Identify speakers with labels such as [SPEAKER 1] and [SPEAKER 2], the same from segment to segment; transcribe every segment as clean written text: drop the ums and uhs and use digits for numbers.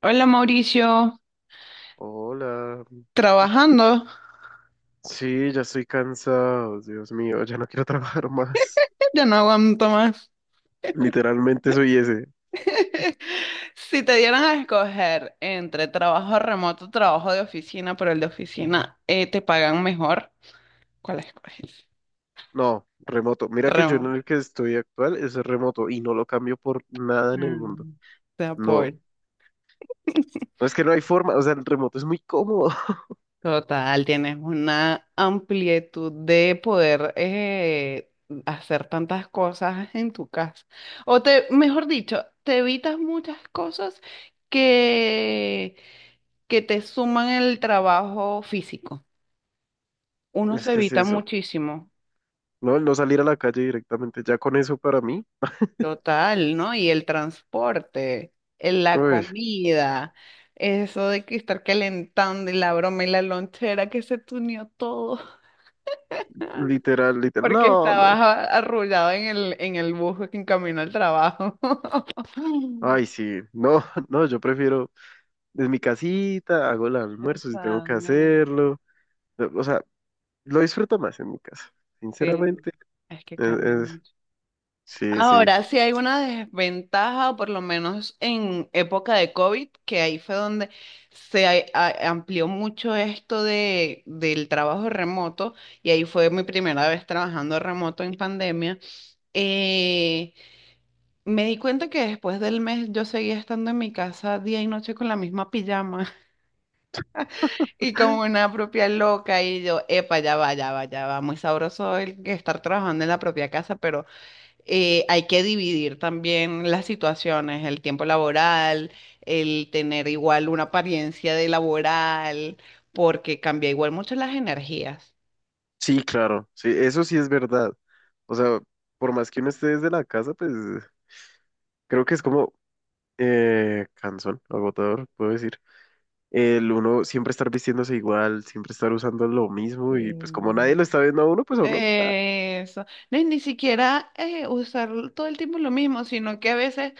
[SPEAKER 1] Hola Mauricio,
[SPEAKER 2] Hola.
[SPEAKER 1] trabajando,
[SPEAKER 2] Sí, ya estoy cansado, Dios mío, ya no quiero trabajar más.
[SPEAKER 1] ya no aguanto más.
[SPEAKER 2] Literalmente soy ese.
[SPEAKER 1] Si te dieran a escoger entre trabajo remoto, trabajo de oficina, pero el de oficina te pagan mejor, ¿cuál escoges?
[SPEAKER 2] No, remoto. Mira que yo en
[SPEAKER 1] Remoto.
[SPEAKER 2] el que estoy actual es remoto y no lo cambio por nada en el mundo.
[SPEAKER 1] Mm. Te
[SPEAKER 2] No,
[SPEAKER 1] apoyo.
[SPEAKER 2] no es que no hay forma, o sea, el remoto es muy cómodo.
[SPEAKER 1] Total, tienes una amplitud de poder hacer tantas cosas en tu casa. Mejor dicho, te evitas muchas cosas que, que te suman el trabajo físico. Uno
[SPEAKER 2] Es
[SPEAKER 1] se
[SPEAKER 2] que es
[SPEAKER 1] evita
[SPEAKER 2] eso,
[SPEAKER 1] muchísimo.
[SPEAKER 2] ¿no? El no salir a la calle directamente, ya con eso para mí,
[SPEAKER 1] Total, ¿no? Y el transporte, la
[SPEAKER 2] uy,
[SPEAKER 1] comida, eso de que estar calentando y la broma y la lonchera que se tuneó todo.
[SPEAKER 2] literal, literal,
[SPEAKER 1] Porque
[SPEAKER 2] no,
[SPEAKER 1] estabas
[SPEAKER 2] no.
[SPEAKER 1] arrullado en el bus en camino al trabajo.
[SPEAKER 2] Ay, sí, no, no, yo prefiero desde mi casita, hago el almuerzo si tengo que
[SPEAKER 1] Sana.
[SPEAKER 2] hacerlo. O sea, lo disfruto más en mi casa,
[SPEAKER 1] Sí,
[SPEAKER 2] sinceramente.
[SPEAKER 1] es que
[SPEAKER 2] Es-
[SPEAKER 1] cambia
[SPEAKER 2] es-
[SPEAKER 1] mucho.
[SPEAKER 2] sí, sí.
[SPEAKER 1] Ahora, sí hay una desventaja, o por lo menos en época de COVID, que ahí fue donde se amplió mucho esto del trabajo remoto, y ahí fue mi primera vez trabajando remoto en pandemia. Eh, Me di cuenta que después del mes yo seguía estando en mi casa día y noche con la misma pijama. Y como una propia loca, y yo, epa, ya va, ya va, ya va. Muy sabroso el que estar trabajando en la propia casa, pero hay que dividir también las situaciones, el tiempo laboral, el tener igual una apariencia de laboral, porque cambia igual mucho las energías.
[SPEAKER 2] Sí, claro. Sí, eso sí es verdad. O sea, por más que uno esté desde la casa, pues creo que es como cansón, agotador, puedo decir. El uno siempre estar vistiéndose igual, siempre estar usando lo mismo y
[SPEAKER 1] Sí.
[SPEAKER 2] pues como nadie lo está viendo a uno, pues a uno, ah,
[SPEAKER 1] Eso. No, y ni siquiera usar todo el tiempo lo mismo, sino que a veces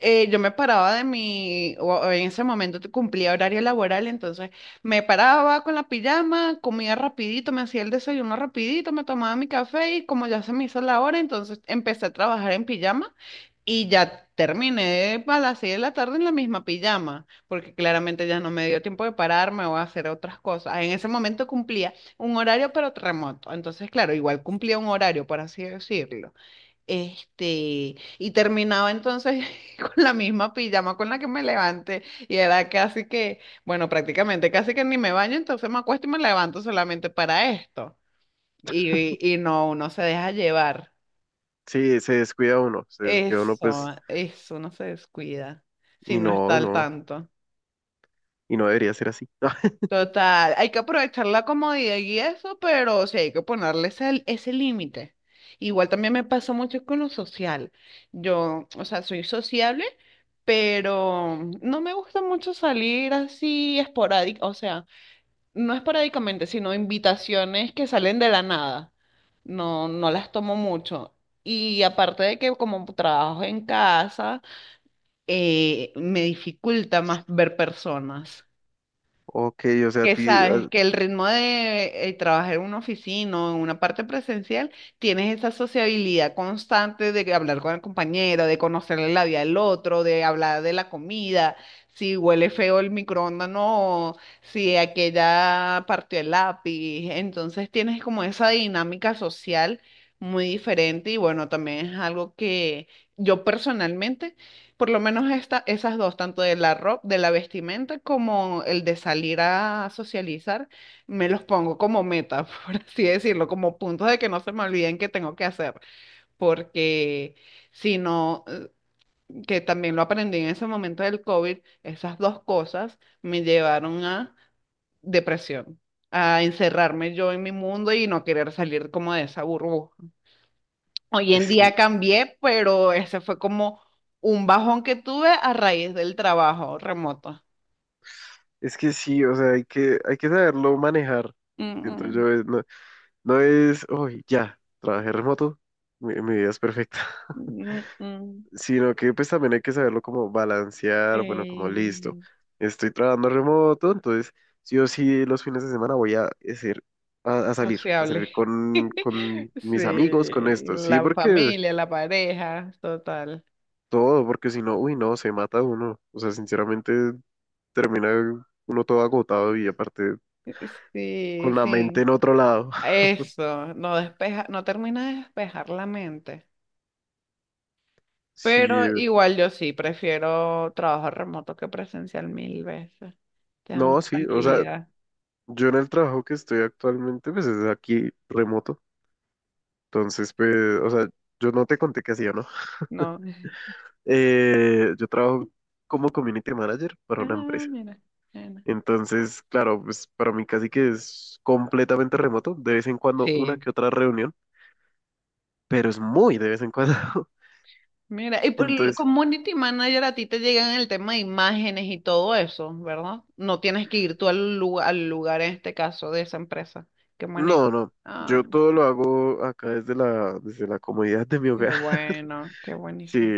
[SPEAKER 1] yo me paraba de mi, o en ese momento cumplía horario laboral, entonces me paraba con la pijama, comía rapidito, me hacía el desayuno rapidito, me tomaba mi café y como ya se me hizo la hora, entonces empecé a trabajar en pijama y ya terminé a las 6 de la tarde en la misma pijama, porque claramente ya no me dio tiempo de pararme o hacer otras cosas. Ah, en ese momento cumplía un horario pero remoto, entonces claro, igual cumplía un horario, por así decirlo. Y terminaba entonces con la misma pijama con la que me levanté y era casi que, bueno, prácticamente casi que ni me baño, entonces me acuesto y me levanto solamente para esto. Y no, uno se deja llevar.
[SPEAKER 2] sí, se descuida uno pues
[SPEAKER 1] Eso, uno se descuida si
[SPEAKER 2] y
[SPEAKER 1] no está
[SPEAKER 2] no,
[SPEAKER 1] al
[SPEAKER 2] no,
[SPEAKER 1] tanto.
[SPEAKER 2] y no debería ser así.
[SPEAKER 1] Total, hay que aprovechar la comodidad y eso, pero sí hay que ponerle ese límite. Igual también me pasó mucho con lo social. Yo, o sea, soy sociable pero no me gusta mucho salir así esporádica, o sea, no esporádicamente, sino invitaciones que salen de la nada. No, no las tomo mucho. Y aparte de que como trabajo en casa, me dificulta más ver personas,
[SPEAKER 2] Ok, o sea, a
[SPEAKER 1] que
[SPEAKER 2] ti,
[SPEAKER 1] sabes
[SPEAKER 2] ah,
[SPEAKER 1] que el ritmo de trabajar en una oficina o en una parte presencial, tienes esa sociabilidad constante de que hablar con el compañero, de conocerle la vida al otro, de hablar de la comida, si huele feo el microondas, no, si aquella partió el lápiz. Entonces tienes como esa dinámica social muy diferente y bueno, también es algo que yo personalmente... Por lo menos esta, esas dos, tanto de la ropa, de la vestimenta como el de salir a socializar, me los pongo como meta, por así decirlo, como puntos de que no se me olviden que tengo que hacer, porque si no, que también lo aprendí en ese momento del COVID, esas dos cosas me llevaron a depresión, a encerrarme yo en mi mundo y no querer salir como de esa burbuja. Hoy en
[SPEAKER 2] es que
[SPEAKER 1] día cambié, pero ese fue como un bajón que tuve a raíz del trabajo remoto.
[SPEAKER 2] es que sí, o sea, hay que saberlo manejar. Siento
[SPEAKER 1] Mm,
[SPEAKER 2] yo, no, no es, uy, ya, trabajé remoto, mi vida es perfecta.
[SPEAKER 1] mm, mm, mm.
[SPEAKER 2] Sino que pues también hay que saberlo como balancear, bueno, como
[SPEAKER 1] Eh,
[SPEAKER 2] listo. Estoy trabajando remoto, entonces sí o sí los fines de semana voy a hacer, a salir, a
[SPEAKER 1] Sociable.
[SPEAKER 2] salir con
[SPEAKER 1] Sí,
[SPEAKER 2] mis amigos, con esto. Sí,
[SPEAKER 1] la
[SPEAKER 2] porque
[SPEAKER 1] familia, la pareja, total.
[SPEAKER 2] todo, porque si no, uy, no, se mata uno. O sea, sinceramente termina uno todo agotado y aparte
[SPEAKER 1] Sí,
[SPEAKER 2] con la mente
[SPEAKER 1] sí.
[SPEAKER 2] en otro lado.
[SPEAKER 1] Eso, no despeja, no termina de despejar la mente.
[SPEAKER 2] Sí,
[SPEAKER 1] Pero igual yo sí, prefiero trabajo remoto que presencial mil veces. Te da
[SPEAKER 2] no,
[SPEAKER 1] una
[SPEAKER 2] sí, o sea,
[SPEAKER 1] tranquilidad,
[SPEAKER 2] yo en el trabajo que estoy actualmente, pues es aquí remoto, entonces, pues, o sea, yo no te conté qué hacía, ¿no?
[SPEAKER 1] ¿no?
[SPEAKER 2] Yo trabajo como community manager para una
[SPEAKER 1] Ah,
[SPEAKER 2] empresa,
[SPEAKER 1] mira, mira.
[SPEAKER 2] entonces, claro, pues para mí casi que es completamente remoto, de vez en cuando una
[SPEAKER 1] Sí.
[SPEAKER 2] que otra reunión, pero es muy de vez en cuando.
[SPEAKER 1] Mira, y por el
[SPEAKER 2] Entonces,
[SPEAKER 1] community manager a ti te llegan el tema de imágenes y todo eso, ¿verdad? No tienes que ir tú al lugar en este caso de esa empresa que manejas.
[SPEAKER 2] no, no,
[SPEAKER 1] Ah,
[SPEAKER 2] yo todo lo hago acá desde la comodidad de mi
[SPEAKER 1] qué
[SPEAKER 2] hogar.
[SPEAKER 1] bueno, qué
[SPEAKER 2] Sí,
[SPEAKER 1] buenísimo.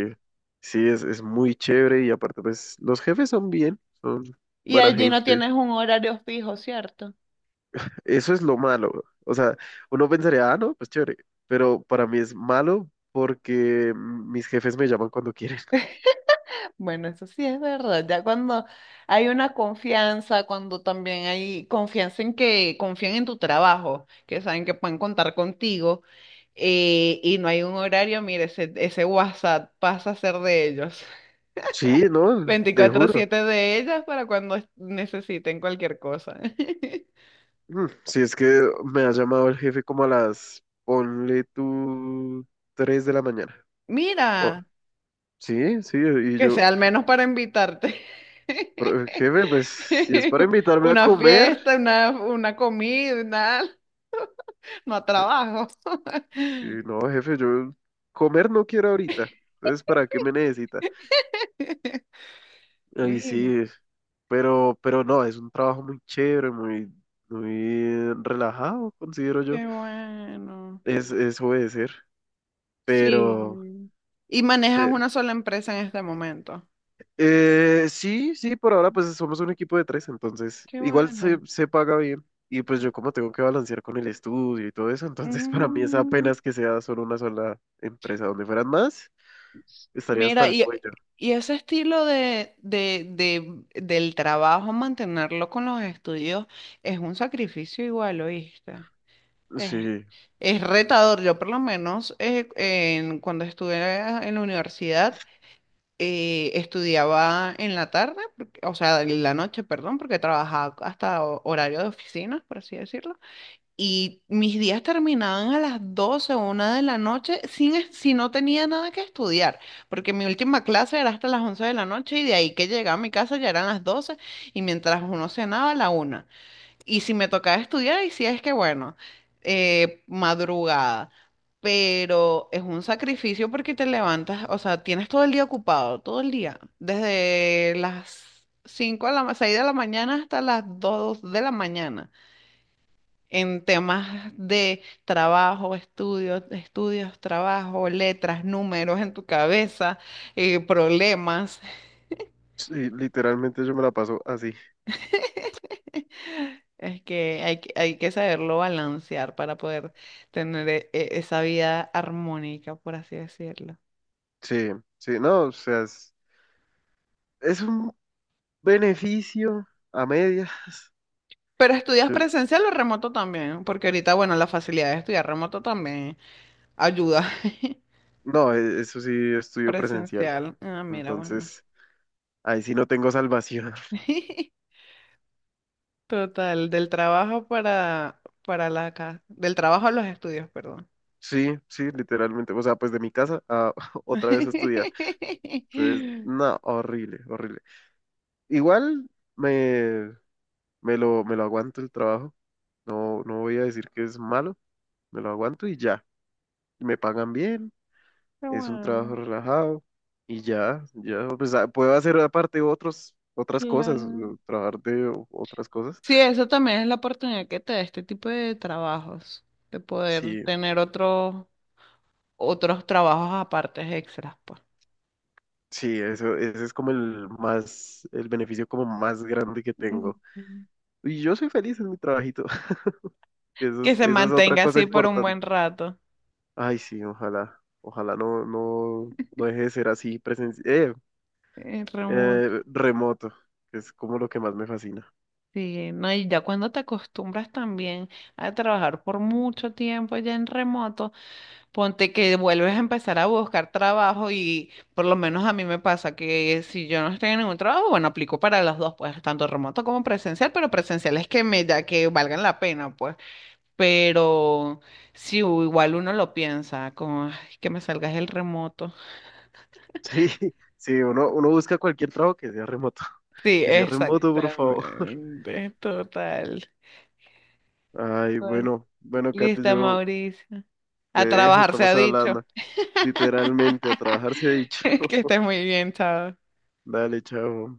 [SPEAKER 2] sí, es muy chévere y aparte pues los jefes son bien, son
[SPEAKER 1] Y
[SPEAKER 2] buena
[SPEAKER 1] allí no
[SPEAKER 2] gente.
[SPEAKER 1] tienes un horario fijo, ¿cierto?
[SPEAKER 2] Eso es lo malo. O sea, uno pensaría, ah, no, pues chévere, pero para mí es malo porque mis jefes me llaman cuando quieren.
[SPEAKER 1] Bueno, eso sí es verdad. Ya cuando hay una confianza, cuando también hay confianza en que confían en tu trabajo, que saben que pueden contar contigo, y no hay un horario, mire, ese WhatsApp pasa a ser de ellos.
[SPEAKER 2] Sí, no, te juro.
[SPEAKER 1] 24/7 de ellas para cuando necesiten cualquier cosa.
[SPEAKER 2] Mm, si es que me ha llamado el jefe como a las, ponle tú, 3 de la mañana. Oh,
[SPEAKER 1] Mira,
[SPEAKER 2] sí, sí, y
[SPEAKER 1] que
[SPEAKER 2] yo,
[SPEAKER 1] sea al menos para invitarte.
[SPEAKER 2] "Pero, jefe, pues si es para invitarme a
[SPEAKER 1] Una
[SPEAKER 2] comer.
[SPEAKER 1] fiesta, una comida, nada no a trabajo.
[SPEAKER 2] Sí, no, jefe, yo comer no quiero ahorita. Entonces, ¿para qué me necesita? Ay,
[SPEAKER 1] Mira,
[SPEAKER 2] sí, pero no, es un trabajo muy chévere, muy, muy relajado, considero yo.
[SPEAKER 1] qué bueno.
[SPEAKER 2] Es obedecer, pero
[SPEAKER 1] Sí. Y manejas
[SPEAKER 2] eh,
[SPEAKER 1] una sola empresa en este momento.
[SPEAKER 2] sí, sí, por ahora pues somos un equipo de tres, entonces
[SPEAKER 1] Qué
[SPEAKER 2] igual se,
[SPEAKER 1] bueno.
[SPEAKER 2] se paga bien. Y pues yo como tengo que balancear con el estudio y todo eso, entonces para mí es
[SPEAKER 1] Mm,
[SPEAKER 2] apenas que sea solo una sola empresa. Donde fueran más, estaría hasta
[SPEAKER 1] mira,
[SPEAKER 2] el
[SPEAKER 1] y,
[SPEAKER 2] cuello.
[SPEAKER 1] y ese estilo del trabajo, mantenerlo con los estudios, es un sacrificio igual, ¿oíste? Es,
[SPEAKER 2] Sí,
[SPEAKER 1] es retador. Yo por lo menos cuando estuve en la universidad, estudiaba en la tarde, o sea, en la noche, perdón, porque trabajaba hasta horario de oficinas, por así decirlo. Y mis días terminaban a las 12 o 1 de la noche sin, si no tenía nada que estudiar, porque mi última clase era hasta las 11 de la noche y de ahí que llegaba a mi casa ya eran las 12 y mientras uno cenaba, la 1, y si me tocaba estudiar, y si es que bueno, madrugada. Pero es un sacrificio porque te levantas, o sea, tienes todo el día ocupado, todo el día. Desde las 5 a la 6 de la mañana hasta las 2 de la mañana. En temas de trabajo, estudios, estudios, trabajo, letras, números en tu cabeza, problemas.
[SPEAKER 2] sí, literalmente yo me la paso así.
[SPEAKER 1] Es que hay, que hay que saberlo balancear para poder tener esa vida armónica, por así decirlo.
[SPEAKER 2] Sí, sí, no, o sea, es un beneficio a media.
[SPEAKER 1] Pero estudias
[SPEAKER 2] Yo-
[SPEAKER 1] presencial o remoto también, porque ahorita, bueno, la facilidad de estudiar remoto también ayuda.
[SPEAKER 2] no, eso sí, estudio presencial.
[SPEAKER 1] Presencial. Ah, mira, bueno.
[SPEAKER 2] Entonces, ahí sí no tengo salvación.
[SPEAKER 1] Total, del trabajo para la casa, del trabajo a los estudios, perdón.
[SPEAKER 2] Sí, sí, literalmente. O sea, pues de mi casa a otra vez a estudiar. Entonces,
[SPEAKER 1] Qué
[SPEAKER 2] no, horrible, horrible. Igual me, me lo aguanto el trabajo. No, no voy a decir que es malo, me lo aguanto y ya. Me pagan bien. Es un trabajo
[SPEAKER 1] bueno,
[SPEAKER 2] relajado y ya, ya, pues ah, puedo hacer aparte otros, otras cosas,
[SPEAKER 1] claro.
[SPEAKER 2] o trabajar de otras cosas.
[SPEAKER 1] Sí, eso también es la oportunidad que te da este tipo de trabajos, de poder
[SPEAKER 2] Sí,
[SPEAKER 1] tener otros trabajos aparte extras, pues.
[SPEAKER 2] sí, eso, ese es como el más, el beneficio como más grande que tengo.
[SPEAKER 1] Ujú.
[SPEAKER 2] Y yo soy feliz en mi trabajito, que eso
[SPEAKER 1] Que
[SPEAKER 2] es,
[SPEAKER 1] se
[SPEAKER 2] esa es otra
[SPEAKER 1] mantenga
[SPEAKER 2] cosa
[SPEAKER 1] así por un
[SPEAKER 2] importante.
[SPEAKER 1] buen rato.
[SPEAKER 2] Ay, sí, ojalá, ojalá no, no, no deje de ser así presencial,
[SPEAKER 1] Remoto.
[SPEAKER 2] remoto, que es como lo que más me fascina.
[SPEAKER 1] Sí, no, y ya cuando te acostumbras también a trabajar por mucho tiempo ya en remoto. Ponte que vuelves a empezar a buscar trabajo y por lo menos a mí me pasa que si yo no estoy en ningún trabajo, bueno, aplico para los dos, pues tanto remoto como presencial, pero presencial es que me da que valgan la pena, pues. Pero si igual uno lo piensa, como "Ay, que me salgas el remoto".
[SPEAKER 2] Sí, sí, uno, uno busca cualquier trabajo que sea remoto.
[SPEAKER 1] Sí,
[SPEAKER 2] Que sea remoto, por favor.
[SPEAKER 1] exactamente, total.
[SPEAKER 2] Ay,
[SPEAKER 1] Bueno,
[SPEAKER 2] bueno, bueno, Kate,
[SPEAKER 1] listo,
[SPEAKER 2] yo
[SPEAKER 1] Mauricio.
[SPEAKER 2] te
[SPEAKER 1] A
[SPEAKER 2] dejo,
[SPEAKER 1] trabajar se ha
[SPEAKER 2] estamos
[SPEAKER 1] dicho.
[SPEAKER 2] hablando literalmente a trabajar se ha dicho.
[SPEAKER 1] Que estés muy bien, chao.
[SPEAKER 2] Dale, chao.